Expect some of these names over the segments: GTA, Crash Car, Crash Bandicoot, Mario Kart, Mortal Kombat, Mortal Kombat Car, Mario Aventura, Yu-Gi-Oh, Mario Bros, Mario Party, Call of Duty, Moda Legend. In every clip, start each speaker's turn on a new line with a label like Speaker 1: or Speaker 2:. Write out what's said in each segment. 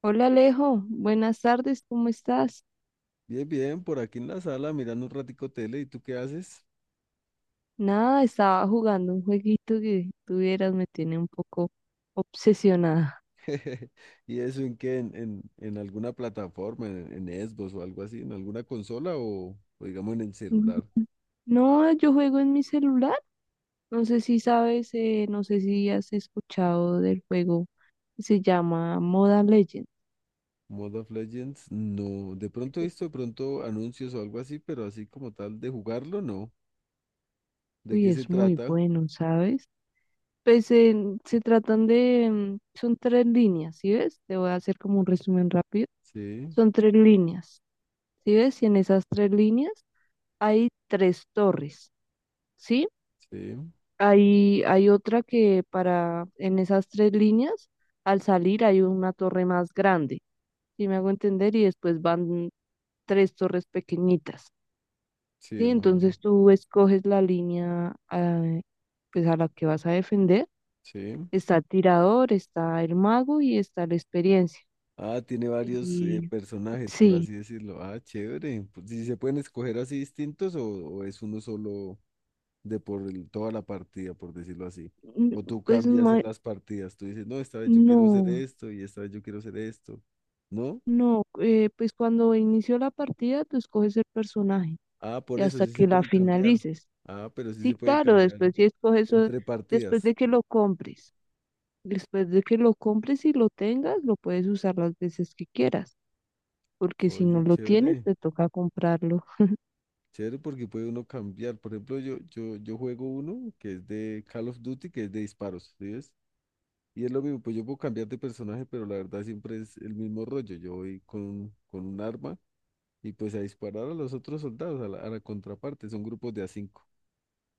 Speaker 1: Hola Alejo, buenas tardes, ¿cómo estás?
Speaker 2: Bien, bien, por aquí en la sala mirando un ratico tele, ¿y tú qué haces?
Speaker 1: Nada, estaba jugando un jueguito que tuvieras, me tiene un poco obsesionada.
Speaker 2: ¿Y eso en qué? ¿En alguna plataforma, en Xbox o algo así, en alguna consola o digamos en el
Speaker 1: Mm,
Speaker 2: celular?
Speaker 1: no, yo juego en mi celular. No sé si sabes, no sé si has escuchado del juego. Se llama Moda Legend.
Speaker 2: ¿Mode of Legends? No, de pronto he visto de pronto anuncios o algo así, pero así como tal de jugarlo, no. ¿De
Speaker 1: Uy,
Speaker 2: qué se
Speaker 1: es muy
Speaker 2: trata?
Speaker 1: bueno, ¿sabes? Pues se tratan de, son tres líneas, ¿sí ves? Te voy a hacer como un resumen rápido.
Speaker 2: Sí,
Speaker 1: Son tres líneas, ¿sí ves? Y en esas tres líneas hay tres torres, ¿sí?
Speaker 2: sí,
Speaker 1: Hay otra que para, en esas tres líneas, al salir hay una torre más grande, ¿sí me hago entender? Y después van tres torres pequeñitas, ¿sí?
Speaker 2: sí, más o menos.
Speaker 1: Entonces tú escoges la línea, pues a la que vas a defender.
Speaker 2: Sí.
Speaker 1: Está el tirador, está el mago y está la experiencia.
Speaker 2: Ah, tiene varios
Speaker 1: Y
Speaker 2: personajes, por
Speaker 1: sí.
Speaker 2: así decirlo. Ah, chévere. Pues, ¿sí se pueden escoger así distintos o es uno solo? De por toda la partida, por decirlo así.
Speaker 1: n-
Speaker 2: O tú
Speaker 1: pues
Speaker 2: cambias
Speaker 1: ma-
Speaker 2: en las partidas, tú dices, no, esta vez yo quiero hacer
Speaker 1: no,
Speaker 2: esto y esta vez yo quiero hacer esto. ¿No?
Speaker 1: no, eh, pues cuando inició la partida tú escoges el personaje
Speaker 2: Ah,
Speaker 1: y
Speaker 2: por eso
Speaker 1: hasta
Speaker 2: sí
Speaker 1: que
Speaker 2: se
Speaker 1: la
Speaker 2: puede cambiar.
Speaker 1: finalices.
Speaker 2: Ah, pero sí
Speaker 1: Sí,
Speaker 2: se puede
Speaker 1: claro,
Speaker 2: cambiar
Speaker 1: después si escoges eso,
Speaker 2: entre
Speaker 1: después
Speaker 2: partidas.
Speaker 1: de que lo compres, después de que lo compres y lo tengas, lo puedes usar las veces que quieras, porque si no
Speaker 2: Oye,
Speaker 1: lo tienes,
Speaker 2: chévere,
Speaker 1: te toca comprarlo.
Speaker 2: chévere porque puede uno cambiar. Por ejemplo, yo juego uno que es de Call of Duty, que es de disparos, ¿sí ves? Y es lo mismo, pues yo puedo cambiar de personaje, pero la verdad siempre es el mismo rollo. Yo voy con un arma. Y pues a disparar a los otros soldados, a la contraparte, son grupos de a cinco.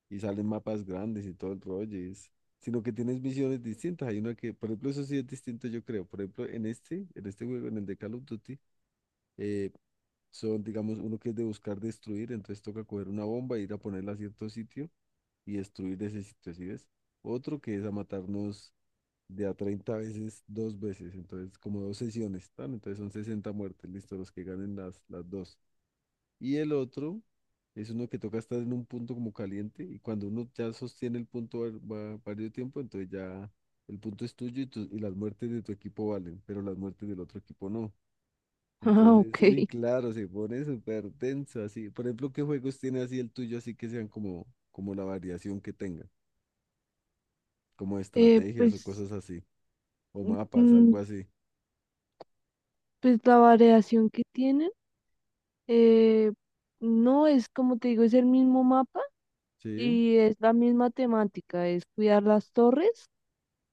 Speaker 2: Y salen mapas grandes y todo el rollo. Sino que tienes visiones distintas. Hay una que, por ejemplo, eso sí es distinto, yo creo. Por ejemplo, en este juego, en el de Call of Duty, eh, son, digamos, uno que es de buscar destruir, entonces toca coger una bomba, e ir a ponerla a cierto sitio y destruir ese sitio, ¿sí ves? Otro que es a matarnos de a 30 veces, dos veces, entonces como dos sesiones, ¿tan? Entonces son 60 muertes, listo, los que ganen las dos. Y el otro es uno que toca estar en un punto como caliente y cuando uno ya sostiene el punto varios tiempo, entonces ya el punto es tuyo y las muertes de tu equipo valen, pero las muertes del otro equipo no.
Speaker 1: Ah,
Speaker 2: Entonces, uy,
Speaker 1: ok.
Speaker 2: claro, se pone súper denso así. Por ejemplo, ¿qué juegos tiene así el tuyo así que sean como la variación que tenga? Como
Speaker 1: Eh,
Speaker 2: estrategias o
Speaker 1: pues,
Speaker 2: cosas así, o mapas,
Speaker 1: mm,
Speaker 2: algo así.
Speaker 1: pues la variación que tienen, eh, no es como te digo, es el mismo mapa
Speaker 2: Sí.
Speaker 1: y es la misma temática, es cuidar las torres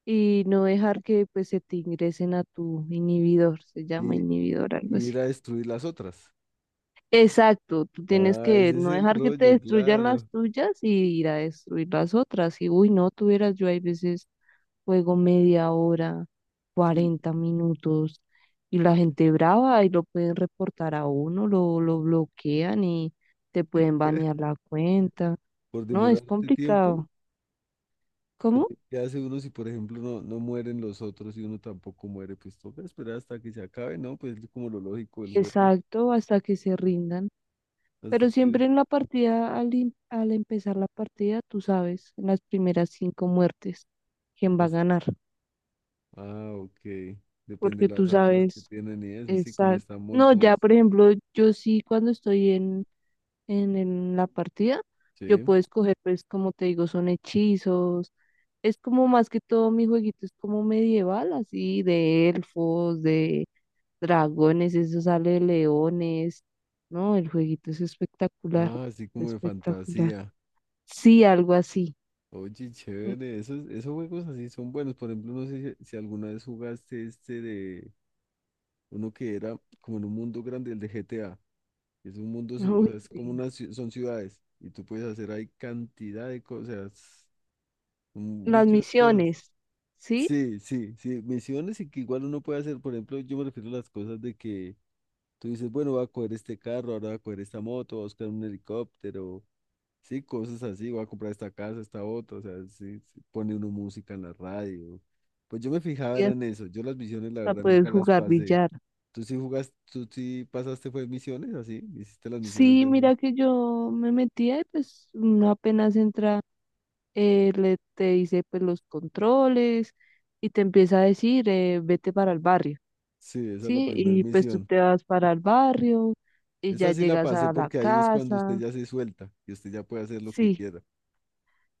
Speaker 1: y no dejar que pues se te ingresen a tu inhibidor, se llama
Speaker 2: Y,
Speaker 1: inhibidor, algo
Speaker 2: y
Speaker 1: así.
Speaker 2: ir a destruir las otras.
Speaker 1: Exacto, tú tienes
Speaker 2: Ah,
Speaker 1: que
Speaker 2: ese es
Speaker 1: no
Speaker 2: el
Speaker 1: dejar que te
Speaker 2: rollo,
Speaker 1: destruyan las
Speaker 2: claro.
Speaker 1: tuyas y ir a destruir las otras. Y uy, no tuvieras, yo hay veces juego media hora,
Speaker 2: Uy.
Speaker 1: 40 minutos y la gente brava y lo pueden reportar a uno, lo bloquean y te pueden banear la cuenta.
Speaker 2: Por
Speaker 1: No, es
Speaker 2: demorarte tiempo,
Speaker 1: complicado.
Speaker 2: pero
Speaker 1: ¿Cómo?
Speaker 2: ¿qué hace uno si, por ejemplo, no, no mueren los otros y uno tampoco muere? Pues toca esperar hasta que se acabe, ¿no? Pues es como lo lógico del juego,
Speaker 1: Exacto, hasta que se rindan. Pero
Speaker 2: hasta que
Speaker 1: siempre en la partida, al empezar la partida, tú sabes en las primeras cinco muertes quién va a
Speaker 2: pasa.
Speaker 1: ganar,
Speaker 2: Ah, ok. Depende
Speaker 1: porque
Speaker 2: de
Speaker 1: tú
Speaker 2: las armas que
Speaker 1: sabes
Speaker 2: tienen y eso, así como
Speaker 1: esa.
Speaker 2: están
Speaker 1: No, ya
Speaker 2: montados.
Speaker 1: por ejemplo, yo sí cuando estoy en la partida, yo
Speaker 2: Sí.
Speaker 1: puedo escoger, pues como te digo, son hechizos, es como más que todo mi jueguito es como medieval, así, de elfos, de dragones, eso sale de leones, ¿no? El jueguito es espectacular,
Speaker 2: Ah, así como de
Speaker 1: espectacular.
Speaker 2: fantasía.
Speaker 1: Sí, algo así.
Speaker 2: Oye,
Speaker 1: Mm,
Speaker 2: chévere, esos juegos así son buenos. Por ejemplo, no sé si alguna vez jugaste este de uno que era como en un mundo grande, el de GTA. Es un mundo, o
Speaker 1: uy,
Speaker 2: sea, es como
Speaker 1: sí.
Speaker 2: son ciudades y tú puedes hacer ahí cantidad de cosas,
Speaker 1: Las
Speaker 2: muchas cosas.
Speaker 1: misiones, ¿sí?
Speaker 2: Sí, sí, sí, misiones y que igual uno puede hacer, por ejemplo, yo me refiero a las cosas de que tú dices, bueno, voy a coger este carro, ahora voy a coger esta moto, voy a buscar un helicóptero, sí, cosas así, voy a comprar esta casa, esta otra, o sea, sí, sí, pone uno música en la radio. Pues yo me fijaba
Speaker 1: Sí,
Speaker 2: era en eso, yo las misiones la
Speaker 1: hasta
Speaker 2: verdad
Speaker 1: puedes
Speaker 2: nunca las
Speaker 1: jugar
Speaker 2: pasé.
Speaker 1: billar.
Speaker 2: ¿Tú sí jugaste, tú sí pasaste fue misiones así? ¿Hiciste las misiones
Speaker 1: Sí,
Speaker 2: del juego?
Speaker 1: mira que yo me metía y pues uno apenas entra, le, te dice pues los controles y te empieza a decir, vete para el barrio,
Speaker 2: Sí, esa es la
Speaker 1: ¿sí?
Speaker 2: primera
Speaker 1: Y pues tú
Speaker 2: misión.
Speaker 1: te vas para el barrio y
Speaker 2: Esa
Speaker 1: ya
Speaker 2: sí la
Speaker 1: llegas
Speaker 2: pasé
Speaker 1: a la
Speaker 2: porque ahí es cuando usted
Speaker 1: casa,
Speaker 2: ya se suelta y usted ya puede hacer lo que
Speaker 1: sí.
Speaker 2: quiera.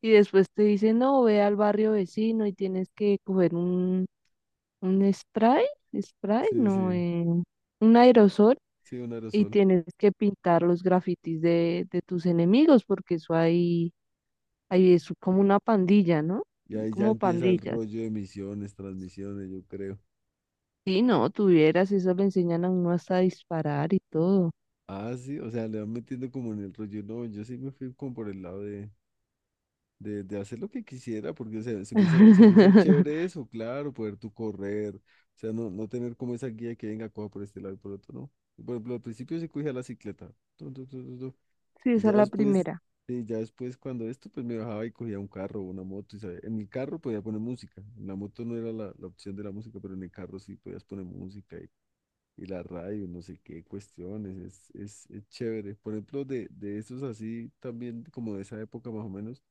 Speaker 1: Y después te dicen, no, ve al barrio vecino y tienes que coger un, spray, spray,
Speaker 2: Sí,
Speaker 1: no,
Speaker 2: sí,
Speaker 1: un aerosol
Speaker 2: sí, un
Speaker 1: y
Speaker 2: aerosol.
Speaker 1: tienes que pintar los grafitis de tus enemigos porque eso ahí, ahí es como una pandilla, ¿no?
Speaker 2: Y ahí ya
Speaker 1: Como
Speaker 2: empieza el
Speaker 1: pandillas.
Speaker 2: rollo de misiones, transmisiones, yo creo.
Speaker 1: Sí, no, tuvieras, eso le enseñan a uno hasta a disparar y todo.
Speaker 2: Ah, sí, o sea, le van metiendo como en el rollo. No, yo sí me fui como por el lado de hacer lo que quisiera, porque o sea, se me hizo chévere eso, claro, poder tú correr. O sea, no, no tener como esa guía que venga, coja por este lado y por otro, no. Por ejemplo, al principio sí cogía la cicleta.
Speaker 1: Sí,
Speaker 2: Y
Speaker 1: esa es
Speaker 2: ya
Speaker 1: la
Speaker 2: después,
Speaker 1: primera.
Speaker 2: sí, ya después cuando esto, pues me bajaba y cogía un carro o una moto. Y en el carro podía poner música. En la moto no era la opción de la música, pero en el carro sí podías poner música y la radio, no sé qué cuestiones. Es chévere. Por ejemplo, de esos así también, como de esa época más o menos,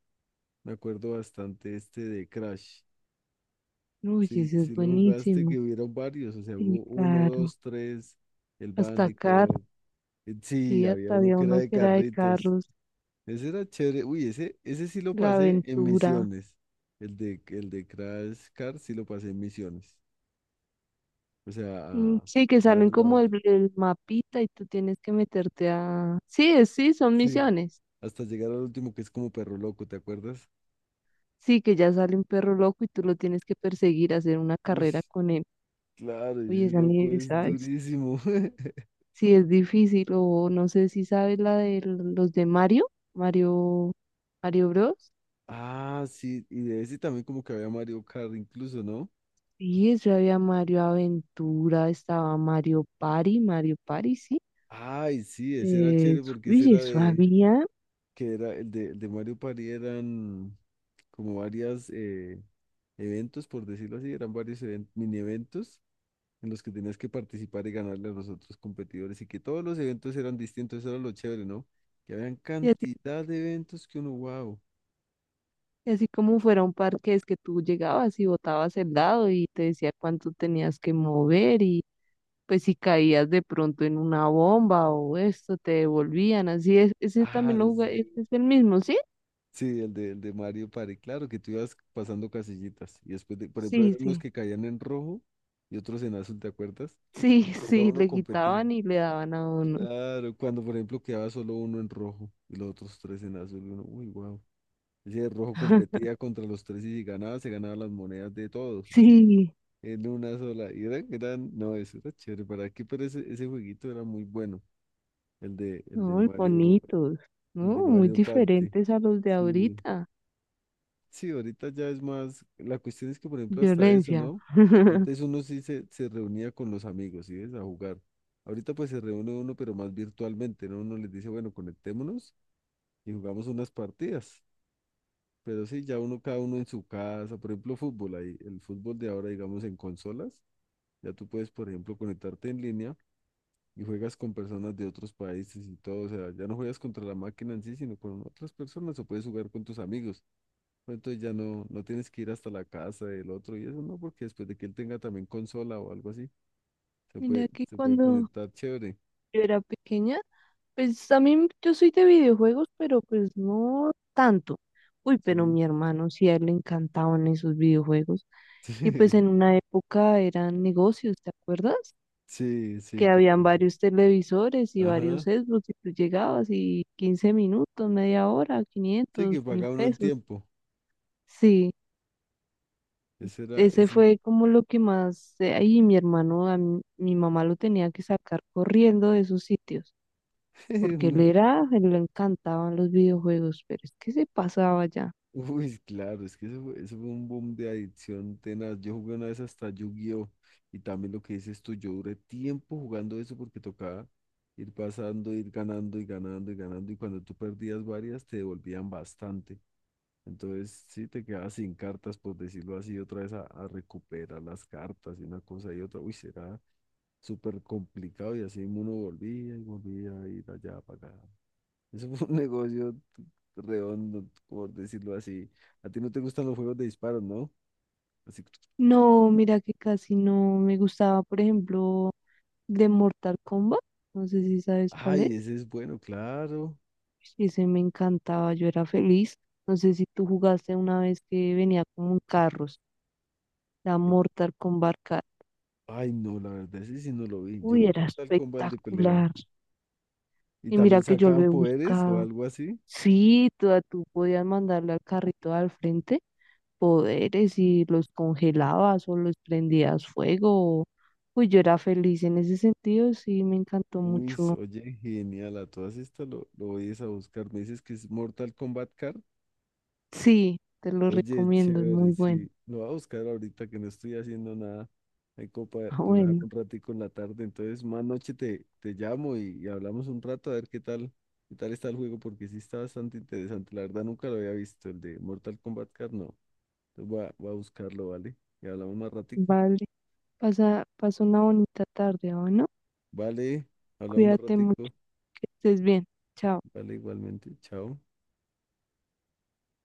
Speaker 2: me acuerdo bastante este de Crash.
Speaker 1: Uy,
Speaker 2: Sí,
Speaker 1: eso es
Speaker 2: sí lo jugaste,
Speaker 1: buenísimo.
Speaker 2: que hubieron varios. O sea,
Speaker 1: Sí,
Speaker 2: hubo uno,
Speaker 1: claro.
Speaker 2: dos, tres, el
Speaker 1: Hasta acá.
Speaker 2: Bandicoot. Sí,
Speaker 1: Sí,
Speaker 2: había
Speaker 1: hasta
Speaker 2: uno
Speaker 1: había
Speaker 2: que era
Speaker 1: uno
Speaker 2: de
Speaker 1: que era de
Speaker 2: carritos.
Speaker 1: carros,
Speaker 2: Ese era chévere. Uy, ese sí lo
Speaker 1: la
Speaker 2: pasé en
Speaker 1: aventura.
Speaker 2: misiones. El de Crash Car sí lo pasé en misiones. O sea,
Speaker 1: Mm,
Speaker 2: a,
Speaker 1: sí, que
Speaker 2: a
Speaker 1: salen
Speaker 2: darle la
Speaker 1: como
Speaker 2: vuelta.
Speaker 1: el mapita y tú tienes que meterte a. Sí, sí, son
Speaker 2: Sí.
Speaker 1: misiones.
Speaker 2: Hasta llegar al último que es como perro loco, ¿te acuerdas?
Speaker 1: Sí, que ya sale un perro loco y tú lo tienes que perseguir, hacer una
Speaker 2: Uy,
Speaker 1: carrera con él.
Speaker 2: claro,
Speaker 1: Oye,
Speaker 2: ese
Speaker 1: esa
Speaker 2: loco
Speaker 1: ni
Speaker 2: es
Speaker 1: sabes.
Speaker 2: durísimo.
Speaker 1: Sí, es difícil o no sé si sabes la de los de Mario, Mario, Mario Bros.
Speaker 2: Ah, sí, y de ese también como que había Mario Kart incluso, ¿no?
Speaker 1: Sí, eso había Mario Aventura, estaba Mario Party, Mario Party, sí.
Speaker 2: Ay, sí, ese era
Speaker 1: Eh,
Speaker 2: chévere porque
Speaker 1: uy, eso había.
Speaker 2: que era el de Mario Party eran como varias, eventos, por decirlo así, eran varios mini eventos en los que tenías que participar y ganarle a los otros competidores y que todos los eventos eran distintos, eso era lo chévere, ¿no? Que habían cantidad de eventos que uno, wow.
Speaker 1: Y así como fuera un parque, es que tú llegabas y botabas el dado y te decía cuánto tenías que mover y pues si caías de pronto en una bomba o esto, te devolvían. Así es, ese
Speaker 2: Ah,
Speaker 1: también lo jugué,
Speaker 2: sí.
Speaker 1: ese es el mismo, ¿sí?
Speaker 2: Sí, el de Mario Party, claro, que tú ibas pasando casillitas y después, de, por ejemplo,
Speaker 1: Sí,
Speaker 2: había unos
Speaker 1: sí,
Speaker 2: que caían en rojo y otros en azul, ¿te acuerdas?
Speaker 1: sí,
Speaker 2: Y tocaba
Speaker 1: sí,
Speaker 2: uno
Speaker 1: le
Speaker 2: competir,
Speaker 1: quitaban y le daban a uno.
Speaker 2: claro, cuando por ejemplo quedaba solo uno en rojo y los otros tres en azul, y uno, uy, wow. Ese rojo competía contra los tres y si ganaba, se ganaba las monedas de todos, así,
Speaker 1: Sí,
Speaker 2: en una sola. Y eran, no, eso era chévere para aquí, pero ese jueguito era muy bueno, el de, el de
Speaker 1: muy
Speaker 2: Mario,
Speaker 1: bonitos,
Speaker 2: el de
Speaker 1: ¿no? Muy
Speaker 2: Mario Party.
Speaker 1: diferentes a los de
Speaker 2: Sí,
Speaker 1: ahorita.
Speaker 2: sí, ahorita ya es más, la cuestión es que, por ejemplo, hasta eso,
Speaker 1: Violencia.
Speaker 2: ¿no? Antes uno sí se reunía con los amigos, ¿sí ves? A jugar. Ahorita pues se reúne uno, pero más virtualmente, ¿no? Uno les dice, bueno, conectémonos y jugamos unas partidas. Pero sí, ya uno, cada uno en su casa, por ejemplo, fútbol, ahí, el fútbol de ahora, digamos, en consolas, ya tú puedes, por ejemplo, conectarte en línea y juegas con personas de otros países y todo, o sea, ya no juegas contra la máquina en sí, sino con otras personas, o puedes jugar con tus amigos, pero entonces ya no, no tienes que ir hasta la casa del otro y eso no, porque después de que él tenga también consola o algo así, se
Speaker 1: Mira
Speaker 2: puede,
Speaker 1: que
Speaker 2: se puede
Speaker 1: cuando
Speaker 2: conectar chévere,
Speaker 1: yo era pequeña, pues también yo soy de videojuegos, pero pues no tanto. Uy, pero
Speaker 2: sí,
Speaker 1: mi hermano sí, a él le encantaban esos videojuegos. Y pues
Speaker 2: sí,
Speaker 1: en una época eran negocios, ¿te acuerdas?
Speaker 2: sí,
Speaker 1: Que
Speaker 2: sí, que,
Speaker 1: habían varios televisores y varios
Speaker 2: ajá,
Speaker 1: Xbox y tú llegabas y 15 minutos, media hora,
Speaker 2: sí,
Speaker 1: quinientos
Speaker 2: que
Speaker 1: mil
Speaker 2: paga uno el
Speaker 1: pesos.
Speaker 2: tiempo,
Speaker 1: Sí,
Speaker 2: ese era,
Speaker 1: ese
Speaker 2: ese,
Speaker 1: fue como lo que más. Ahí mi hermano, mi mamá lo tenía que sacar corriendo de esos sitios. Porque él era, él le encantaban los videojuegos, pero es que se pasaba ya.
Speaker 2: uy, claro, es que eso fue un boom de adicción tenaz. Yo jugué una vez hasta Yu-Gi-Oh! Y también lo que dices tú, yo duré tiempo jugando eso porque tocaba ir pasando, ir ganando y ganando y ganando. Y cuando tú perdías varias, te devolvían bastante. Entonces, sí, te quedabas sin cartas, por decirlo así, otra vez a recuperar las cartas y una cosa y otra. Uy, será súper complicado. Y así uno volvía y volvía a ir allá para acá. Eso fue un negocio redondo, por decirlo así. A ti no te gustan los juegos de disparos, ¿no? Así,
Speaker 1: No, mira que casi no me gustaba, por ejemplo, de Mortal Kombat, no sé si sabes cuál es,
Speaker 2: ay, ese es bueno, claro.
Speaker 1: ese me encantaba, yo era feliz, no sé si tú jugaste una vez que venía como en carros, la
Speaker 2: Eh,
Speaker 1: Mortal Kombat Car,
Speaker 2: Ay, no, la verdad, ese sí no lo vi. Yo
Speaker 1: uy,
Speaker 2: vi
Speaker 1: era
Speaker 2: Mortal Kombat el de pelea.
Speaker 1: espectacular,
Speaker 2: Y
Speaker 1: y mira
Speaker 2: también
Speaker 1: que yo lo
Speaker 2: sacaban
Speaker 1: he
Speaker 2: poderes o
Speaker 1: buscado.
Speaker 2: algo así.
Speaker 1: Sí, tú podías mandarle al carrito al frente poderes y los congelabas o los prendías fuego. Uy, yo era feliz en ese sentido, sí, me encantó
Speaker 2: Uy,
Speaker 1: mucho.
Speaker 2: oye, genial, a todas estas lo voy a buscar. Me dices que es Mortal Kombat.
Speaker 1: Sí, te lo
Speaker 2: Oye,
Speaker 1: recomiendo, es muy
Speaker 2: chévere,
Speaker 1: bueno.
Speaker 2: sí. Lo voy a buscar ahorita que no estoy haciendo nada. Hay copa,
Speaker 1: Ah,
Speaker 2: relajar
Speaker 1: bueno,
Speaker 2: un ratico en la tarde. Entonces, más noche te llamo y hablamos un rato a ver qué tal está el juego, porque sí está bastante interesante. La verdad nunca lo había visto, el de Mortal Kombat Card, no. Entonces voy a buscarlo, ¿vale? Y hablamos más ratico.
Speaker 1: vale. Pasa, pasa una bonita tarde, ¿o no?
Speaker 2: Vale, hablamos más
Speaker 1: Cuídate mucho,
Speaker 2: ratico.
Speaker 1: que estés bien. Chao.
Speaker 2: Vale, igualmente. Chao.